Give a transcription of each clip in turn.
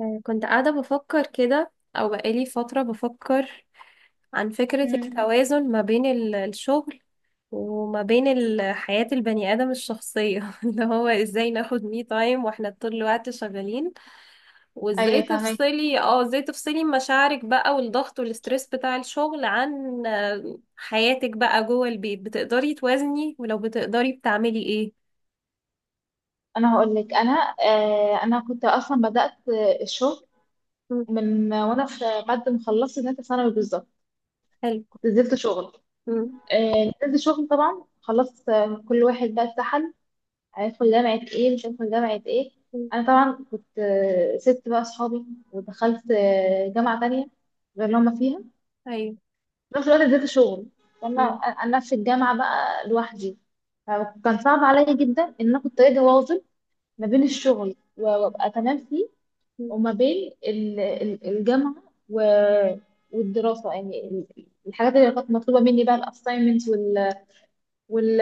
كنت قاعدة بفكر كده، أو بقالي فترة بفكر عن فكرة مم. التوازن ما بين الشغل، وما بين حياة البني آدم الشخصية اللي هو ازاي ناخد مي تايم واحنا طول الوقت شغالين، وازاي ايوه، فاهمك. تفصلي اه ازاي تفصلي مشاعرك بقى، والضغط والستريس بتاع الشغل، عن حياتك بقى جوه البيت. بتقدري توازني؟ ولو بتقدري بتعملي ايه؟ انا هقول لك، انا كنت اصلا بدات الشغل مم. من وانا في بعد ما خلصت ثالثه ثانوي بالظبط. حلو. كنت نزلت شغل. مم. نزلت شغل، طبعا خلصت. كل واحد بقى اتسحل، هيدخل جامعه ايه، مش هيدخل جامعه ايه. مم. انا طبعا كنت، سبت بقى اصحابي، ودخلت جامعه تانية غير اللي هما فيها. ايوه. في نفس الوقت نزلت شغل. فانا مم. انا في الجامعه بقى لوحدي، فكان صعب عليا جدا ان انا كنت اجي واظب ما بين الشغل وابقى تمام فيه، مم. وما بين الجامعه و- والدراسه، يعني الحاجات اللي كانت مطلوبه مني بقى، الاساينمنتس وال وال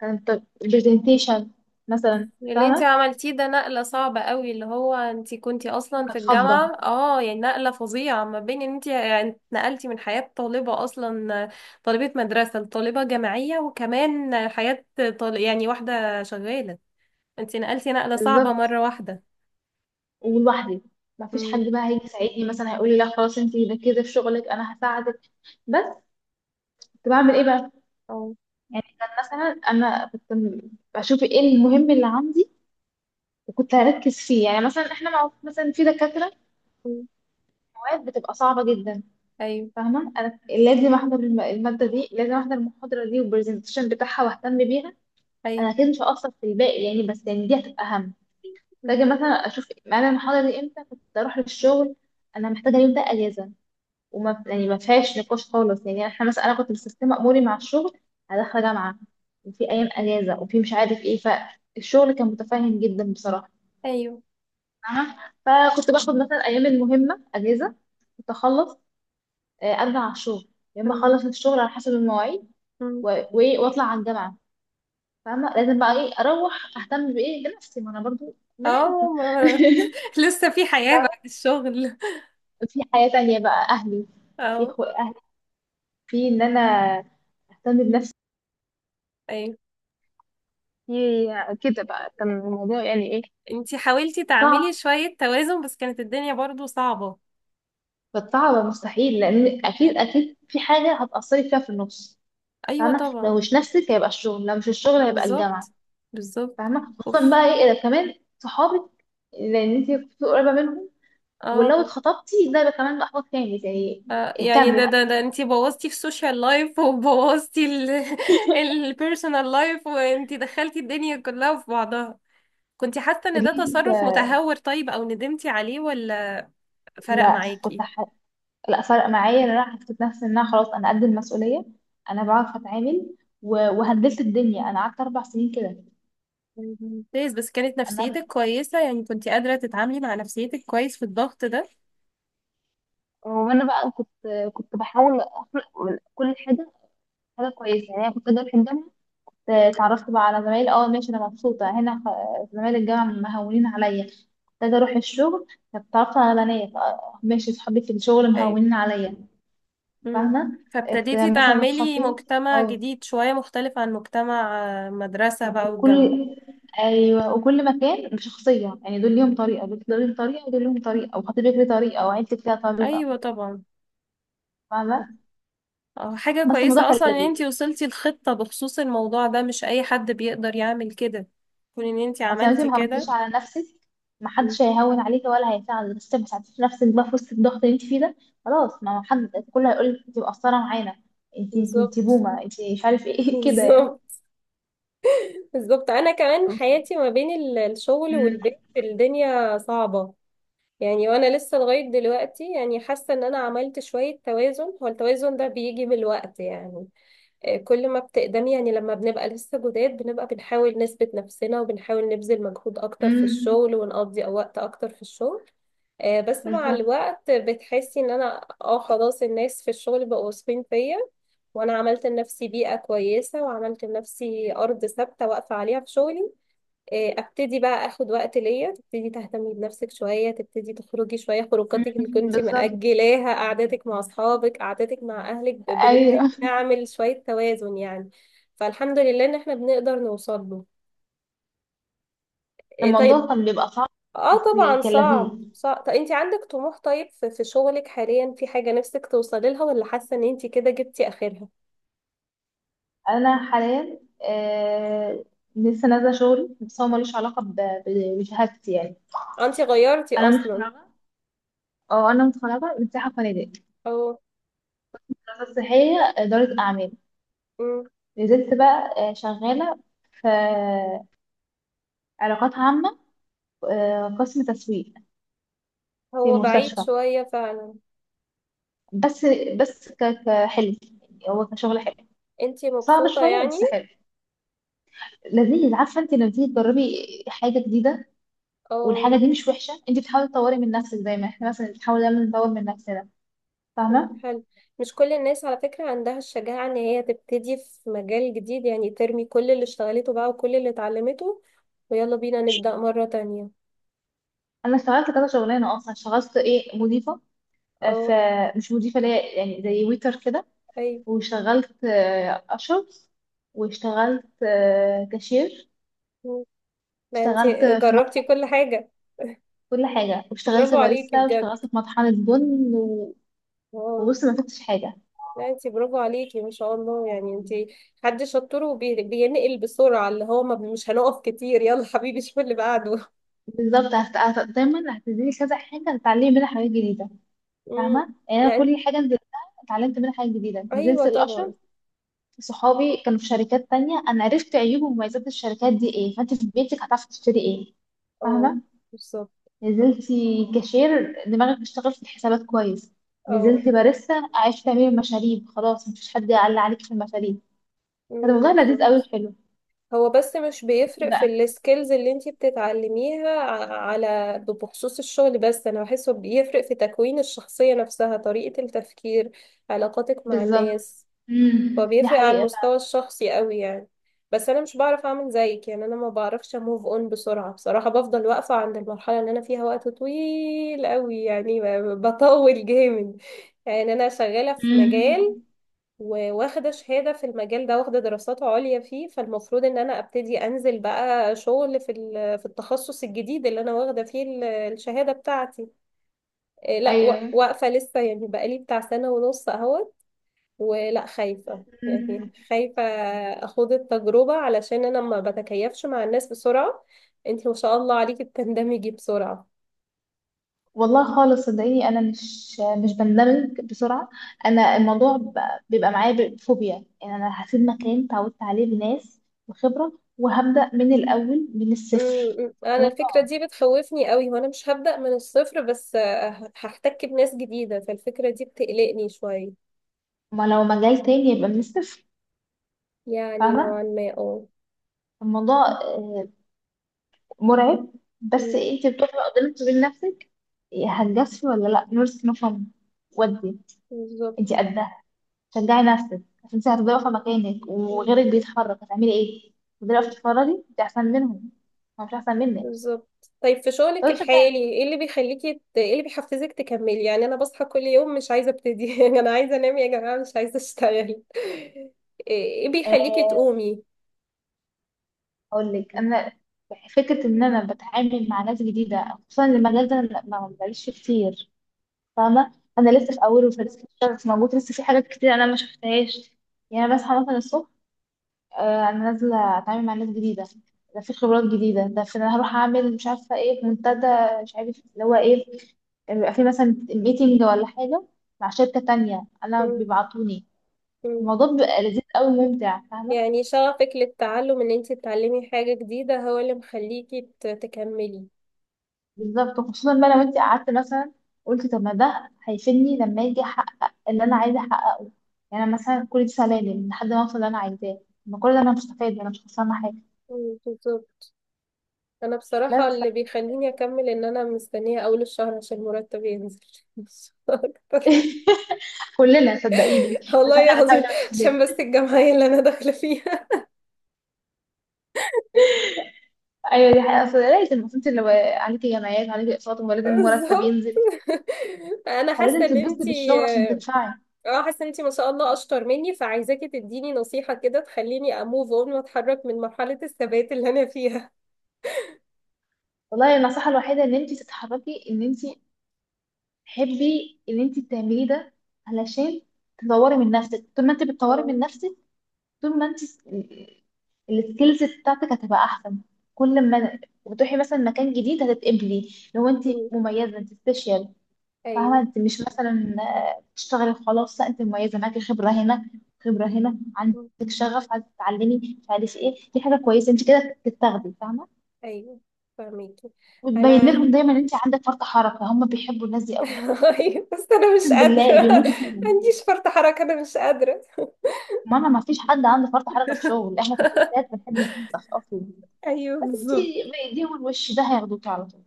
كانت البرزنتيشن مثلا، اللي انت فاهمه. عملتيه ده نقلة صعبة قوي، اللي هو انت كنتي اصلا في كانت فضه الجامعة، اه يعني نقلة فظيعة ما بين ان انت يعني نقلتي من حياة طالبة اصلا، طالبة مدرسة لطالبة جامعية، وكمان حياة يعني واحدة شغالة. انت نقلتي نقلة صعبة بالظبط، مرة واحدة. ولوحدي، ما فيش حد امم. بقى هيجي يساعدني مثلا هيقول لي لا خلاص انت ركزي في شغلك انا هساعدك. بس كنت بعمل ايه بقى؟ اه. يعني كان مثلا، بشوف ايه المهم اللي عندي وكنت هركز فيه. يعني مثلا احنا مع مثلا في دكاتره، أمم. أوقات بتبقى صعبة جدا، ايوه. فاهمة. أنا لازم أحضر المادة دي، لازم أحضر المحاضرة دي والبرزنتيشن بتاعها وأهتم بيها. أنا ايوه. أكيد مش هأثر في الباقي يعني، بس يعني دي هتبقى أهم. محتاجة أمم. مثلا أشوف أنا المحاضرة دي إمتى كنت أروح للشغل. أنا محتاجة اليوم ده أجازة، وما، يعني، ما فيهاش نقاش خالص. يعني إحنا مثلا، أنا كنت مستسلمة أموري مع الشغل، أنا داخلة جامعة وفي أيام أجازة وفي مش عارف إيه. فالشغل كان متفاهم جدا بصراحة، ايوه. فاهمة. فكنت باخد مثلا أيام المهمة أجازة، كنت أخلص، ارجع على الشغل، يا اما أمم. اخلص الشغل على حسب المواعيد أمم. وايه، واطلع على الجامعه، فاهمه. لازم بقى ايه، اروح اهتم بايه، بنفسي، ما انا برضو بني آدم. اه ما- لسه في حياة فاهمه، بعد الشغل؟ في حياه تانية بقى، اهلي. اه. اهلي، في ان انا اهتم بنفسي، ايوه. في كده بقى كان الموضوع يعني ايه، انتي حاولتي صعب. تعملي شوية توازن، بس كانت الدنيا برضو صعبة. فالصعب مستحيل، لان اكيد اكيد في حاجه هتاثري فيها في النص، ايوه فاهمه. لو طبعا. مش نفسك هيبقى الشغل، لو مش الشغل هيبقى الجامعه، بالظبط. بالظبط. فاهمه. خصوصا اوف. بقى ايه، إذا كمان صحابك، لان انت كنت قريبه منهم. ولو اه. اتخطبتي ده بقى كمان بقى خطوة تاني زي، يعني اهتمي ده بقى. ده ده انتي بوظتي في السوشيال لايف، وبوظتي ال البيرسونال لايف وانتي دخلتي الدنيا كلها في بعضها. كنتي حاسة ان ده فضلت تصرف آه، متهور طيب؟ او ندمتي عليه، ولا فرق لا كنت معاكي؟ ح... لا، فرق معايا ان انا حسيت نفسي ان انا خلاص انا قد المسؤولية، انا بعرف اتعامل وهندلت الدنيا. انا قعدت اربع سنين كده. طيب، ممتاز. بس كانت انا نفسيتك كويسة؟ يعني كنتي قادرة تتعاملي مع نفسيتك كويس في الضغط ده؟ وانا بقى كنت كنت بحاول اخلق من كل حاجه حاجه كويسه. يعني انا كنت اجي في الجامعه، اتعرفت بقى على زمايلي، اه ماشي انا مبسوطة هنا، زمايل الجامعة مهونين عليا. كنت اجي اروح الشغل، اتعرفت على بنات، ماشي صحابي في الشغل ايوه. مهونين عليا، مم. فاهمة. فابتديتي مثلا تعملي خطيبي مجتمع أو جديد شوية مختلف عن مجتمع مدرسة بقى كل والجامعة. أيوة، وكل مكان بشخصية، يعني دول ليهم طريقة، دول ليهم طريقة، ودول ليهم طريقة، وخطيبك ليه طريقة، وعيلتك ليها طريقة، ايوه طبعا. فاهمة. اه، حاجة بس الموضوع كويسة كان اصلا ان لذيذ. انتي وصلتي لخطة بخصوص الموضوع ده، مش اي حد بيقدر يعمل كده، كون ان انتي أصل أنت عملتي ما كده. غلطتيش على نفسك. مم. محدش هيهون عليكي ولا هيساعدك، بس ما ساعدتيش نفسك بقى في وسط الضغط اللي انت فيه ده. خلاص، ما هو حد كله هيقول لك انت مقصرة معانا، انت بالظبط. بومة، انت مش عارف ايه كده يعني. بالظبط. بالظبط. انا كمان حياتي ما بين الشغل أمم، والبيت، الدنيا صعبة. يعني وانا لسه لغاية دلوقتي يعني حاسة ان انا عملت شوية توازن. هو التوازن ده بيجي بالوقت يعني. كل ما بتقدمي، يعني لما بنبقى لسه جداد بنبقى بنحاول نثبت نفسنا، وبنحاول نبذل مجهود أكتر في أمم، الشغل، ونقضي وقت أكتر في الشغل. بس مع بالظبط. الوقت بتحسي ان انا خلاص الناس في الشغل بقوا واثقين فيا، وانا عملت لنفسي بيئة كويسة، وعملت لنفسي ارض ثابتة واقفة عليها في شغلي. ابتدي بقى اخد وقت ليا، تبتدي تهتمي بنفسك شويه، تبتدي تخرجي شويه أمم، خروجاتك اللي كنتي بالظبط، مأجلاها، قعداتك مع اصحابك، قعداتك مع اهلك. بنبتدي ايوه. نعمل شويه توازن يعني. فالحمد لله ان احنا بنقدر نوصل له. طيب. الموضوع كان بيبقى صعب، اه بس يعني طبعا، كان صعب لذيذ. صعب. طب انت عندك طموح طيب في في شغلك حاليا؟ في حاجه نفسك توصلي لها، ولا حاسه ان انت كده جبتي اخرها؟ انا حاليا لسه نازله شغلي، بس هو ملوش علاقه ب- بشهادتي يعني. انت غيرتي انا اصلا. متخرجه. اه، انا متخرجه من سياحه وفنادق، او. دراسه صحيه، اداره اعمال. مم. نزلت بقى شغاله في علاقات عامه، قسم تسويق، في هو بعيد مستشفى. شويه فعلا. بس كحلو، هو كشغل حلو. انت صعب مبسوطه شويه يعني؟ بس حلو، لذيذ. عارفه انت، لما تيجي تجربي حاجه جديده والحاجه اه. دي مش وحشه، انت بتحاولي تطوري من نفسك دايما. احنا مثلا بنحاول دايما نطور من نفسنا، فاهمه. حلو. مش كل الناس على فكرة عندها الشجاعة ان هي تبتدي في مجال جديد، يعني ترمي كل اللي اشتغلته بقى وكل اللي اتعلمته، ويلا بينا نبدأ مرة تانية. انا اشتغلت كذا شغلانه اصلا. اشتغلت ايه، مضيفه. آه، ف اه. مش مضيفه اللي هي يعني زي ويتر كده. ايوه. واشتغلت اشر واشتغلت كاشير. مم. ده انت اشتغلت في مط- جربتي كل حاجة، كل حاجه. واشتغلت برافو عليكي باريستا، بجد. واشتغلت في مطحنه بن و- واو. وبصي، ما فاتش حاجه. لا انت برافو عليكي ما شاء الله، يعني انت حد شطور وبينقل بسرعة، اللي هو ما مش هنقف كتير، يلا حبيبي شوف اللي بعده. بالظبط، دايما هتديني كذا حاجه هتتعلمي منها حاجات جديده، مم. فاهمه. يعني انا لا. كل حاجه نزلتها اتعلمت منها حاجات جديده. نزلت ايوه الاشر، طبعا. صحابي كانوا في شركات تانية، أنا عرفت عيوب ومميزات الشركات دي إيه، فأنت في بيتك هتعرفي تشتري إيه، اه. فاهمة. بالظبط. نزلتي كاشير، دماغك بتشتغل في الحسابات كويس. اه. نزلت باريستا، عرفت تعملي المشاريب، خلاص مفيش حد يعلق عليك في المشاريب. كان مم. الموضوع لذيذ أوي بالظبط. وحلو هو بس مش بيفرق في بقى. السكيلز اللي انتي بتتعلميها على، بخصوص الشغل، بس انا بحسه بيفرق في تكوين الشخصية نفسها، طريقة التفكير، علاقاتك مع بالظبط. الناس. دي فبيفرق على حقيقة. المستوى الشخصي قوي يعني. بس انا مش بعرف اعمل زيك، يعني انا ما بعرفش اموف اون بسرعة بصراحة، بفضل واقفة عند المرحلة اللي انا فيها وقت طويل قوي يعني، بطول جامد. يعني انا شغالة في امم. مجال، وواخدة شهادة في المجال ده، واخدة دراسات عليا فيه، فالمفروض ان انا ابتدي انزل بقى شغل في في التخصص الجديد اللي انا واخدة فيه الشهادة بتاعتي. إيه، لا واقفة لسه، يعني بقالي بتاع سنة ونص اهوت. ولا خايفة أيوه. يعني، خايفة اخوض التجربة، علشان انا ما بتكيفش مع الناس بسرعة. انتي ما شاء الله عليكي بتندمجي بسرعة. والله خالص صدقيني، انا مش بندمج بسرعه. انا الموضوع بيبقى معايا بفوبيا. يعني انا هسيب مكان تعودت عليه بناس وخبره وهبدا من الاول من الصفر. امم. انا فده الفكره طبعا، دي بتخوفني قوي، وانا مش هبدا من الصفر، بس هحتك بناس جديده، فالفكره دي بتقلقني شويه. ما لو مجال تاني يبقى من الصفر، يعني فاهمه. نوعا ما اه الموضوع مرعب. بس مم. انت بتقفي قدامك وبين نفسك، هتجازفي ولا لا، نورس نفهم. ودي، بالظبط. انت قدها. شجعي نفسك، عشان انت هتبقي واقفه مكانك مم. وغيرك بيتحرك، هتعملي ايه؟ تفضلي واقفه مم. تتفرجي؟ انت احسن منهم، هو مش احسن منك. بالظبط. طيب في شغلك طب شجعي، الحالي ايه اللي بيخليكي ايه اللي بيحفزك تكملي؟ يعني انا بصحى كل يوم مش عايزه ابتدي، انا عايزه انام يا جماعه، مش عايزه اشتغل. ايه بيخليكي آه، تقومي؟ اقول لك انا، فكره ان انا بتعامل مع ناس جديده، خصوصا المجال ده أنا ما بلاقيش فيه كتير، فاهمه. انا مم. لسه في اوله، مش موجود لسه في حاجات كتير انا ما شفتهاش. يعني أنا بصحى مثلا الصبح، انا نازله اتعامل مع ناس جديده، ده في خبرات جديده، ده في انا هروح اعمل مش عارفه ايه في منتدى، مش عارف اللي هو ايه، يعني بيبقى في مثلا ميتنج ولا حاجه مع شركه تانية انا مم. بيبعتوني. مم. الموضوع بيبقى لذيذ قوي وممتع، فاهمه. يعني شغفك للتعلم ان انت تتعلمي حاجة جديدة هو اللي مخليكي تكملي. بالظبط، وخصوصا بقى لو انت قعدت مثلا قلت طب ما ده هيفيدني لما اجي احقق اللي انا عايزه احققه. يعني أنا مثلا كل دي سلالم لحد ما اوصل اللي انا عايزاه، ما كل ده انا مش هستفاد، انا مش خسرانه حاجه. مم. بالظبط. انا بصراحة بس اللي بيخليني اكمل ان انا مستنية اول الشهر عشان مرتب ينزل. مش اكتر. كلنا صدقيني، بس والله احنا بنحاول العظيم. نمشي. عشان بس الجمعية اللي انا داخلة فيها. ايوه دي حقيقة، اصل لازم انت لو عليكي جمعيات وعليكي اقساط، ولازم مرتب بالظبط. ينزل، انا فلازم تتبسطي بالشغل عشان تدفعي. حاسة ان انتي ما شاء الله اشطر مني، فعايزاكي تديني نصيحة كده تخليني اموف اون واتحرك من مرحلة الثبات اللي انا فيها. والله النصيحة الوحيدة ان انت تتحركي، ان انت تحبي ان انت تعملي ده علشان تطوري من نفسك. طول ما انت بتطوري اه. من نفسك، طول ما انت السكيلز بتاعتك هتبقى احسن. كل ما وتروحي مثلا مكان جديد هتتقبلي. لو انت مم. مميزة، انت سبيشال، فاهمة. ايوه. انت مش مثلا بتشتغلي وخلاص. لا، انت مميزة، معاكي خبرة هنا، خبرة هنا عندك، مم. شغف، عايزة تتعلمي مش عارف ايه، دي حاجة كويسة. انت كده بتتاخدي، فاهمة. ايوه. فاهميكي. وتبين انا لهم دايما ان انت عندك فرط حركة، هم بيحبوا الناس دي قوي، أيوة، بس انا مش اقسم بالله قادرة، بيموتوا فيهم. عنديش فرط حركة، انا مش قادرة. ماما، ما فيش حد عنده فرط حركة في الشغل، احنا كفتات بنحب ننفخ اصلا. ايوه بس انت بالظبط. ايديهم الوش ده هياخدوكي على طول.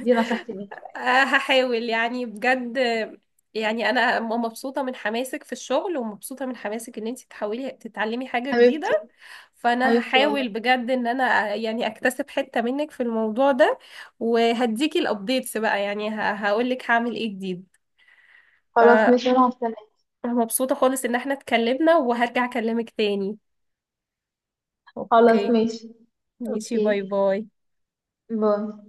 دي نصيحتي ليكي يعني. هحاول يعني بجد. يعني انا مبسوطه من حماسك في الشغل، ومبسوطه من حماسك ان انت تحاولي تتعلمي حاجه جديده، حبيبتي. فانا حبيبتي والله. هحاول بجد ان انا يعني اكتسب حته منك في الموضوع ده، وهديكي الابديتس بقى، يعني هقول لك هعمل ايه جديد. خلاص ماشي، يلا سلام. فمبسوطه خالص ان احنا اتكلمنا، وهرجع اكلمك تاني. خلاص اوكي. ماشي. ماشي. باي اوكي، باي. باي.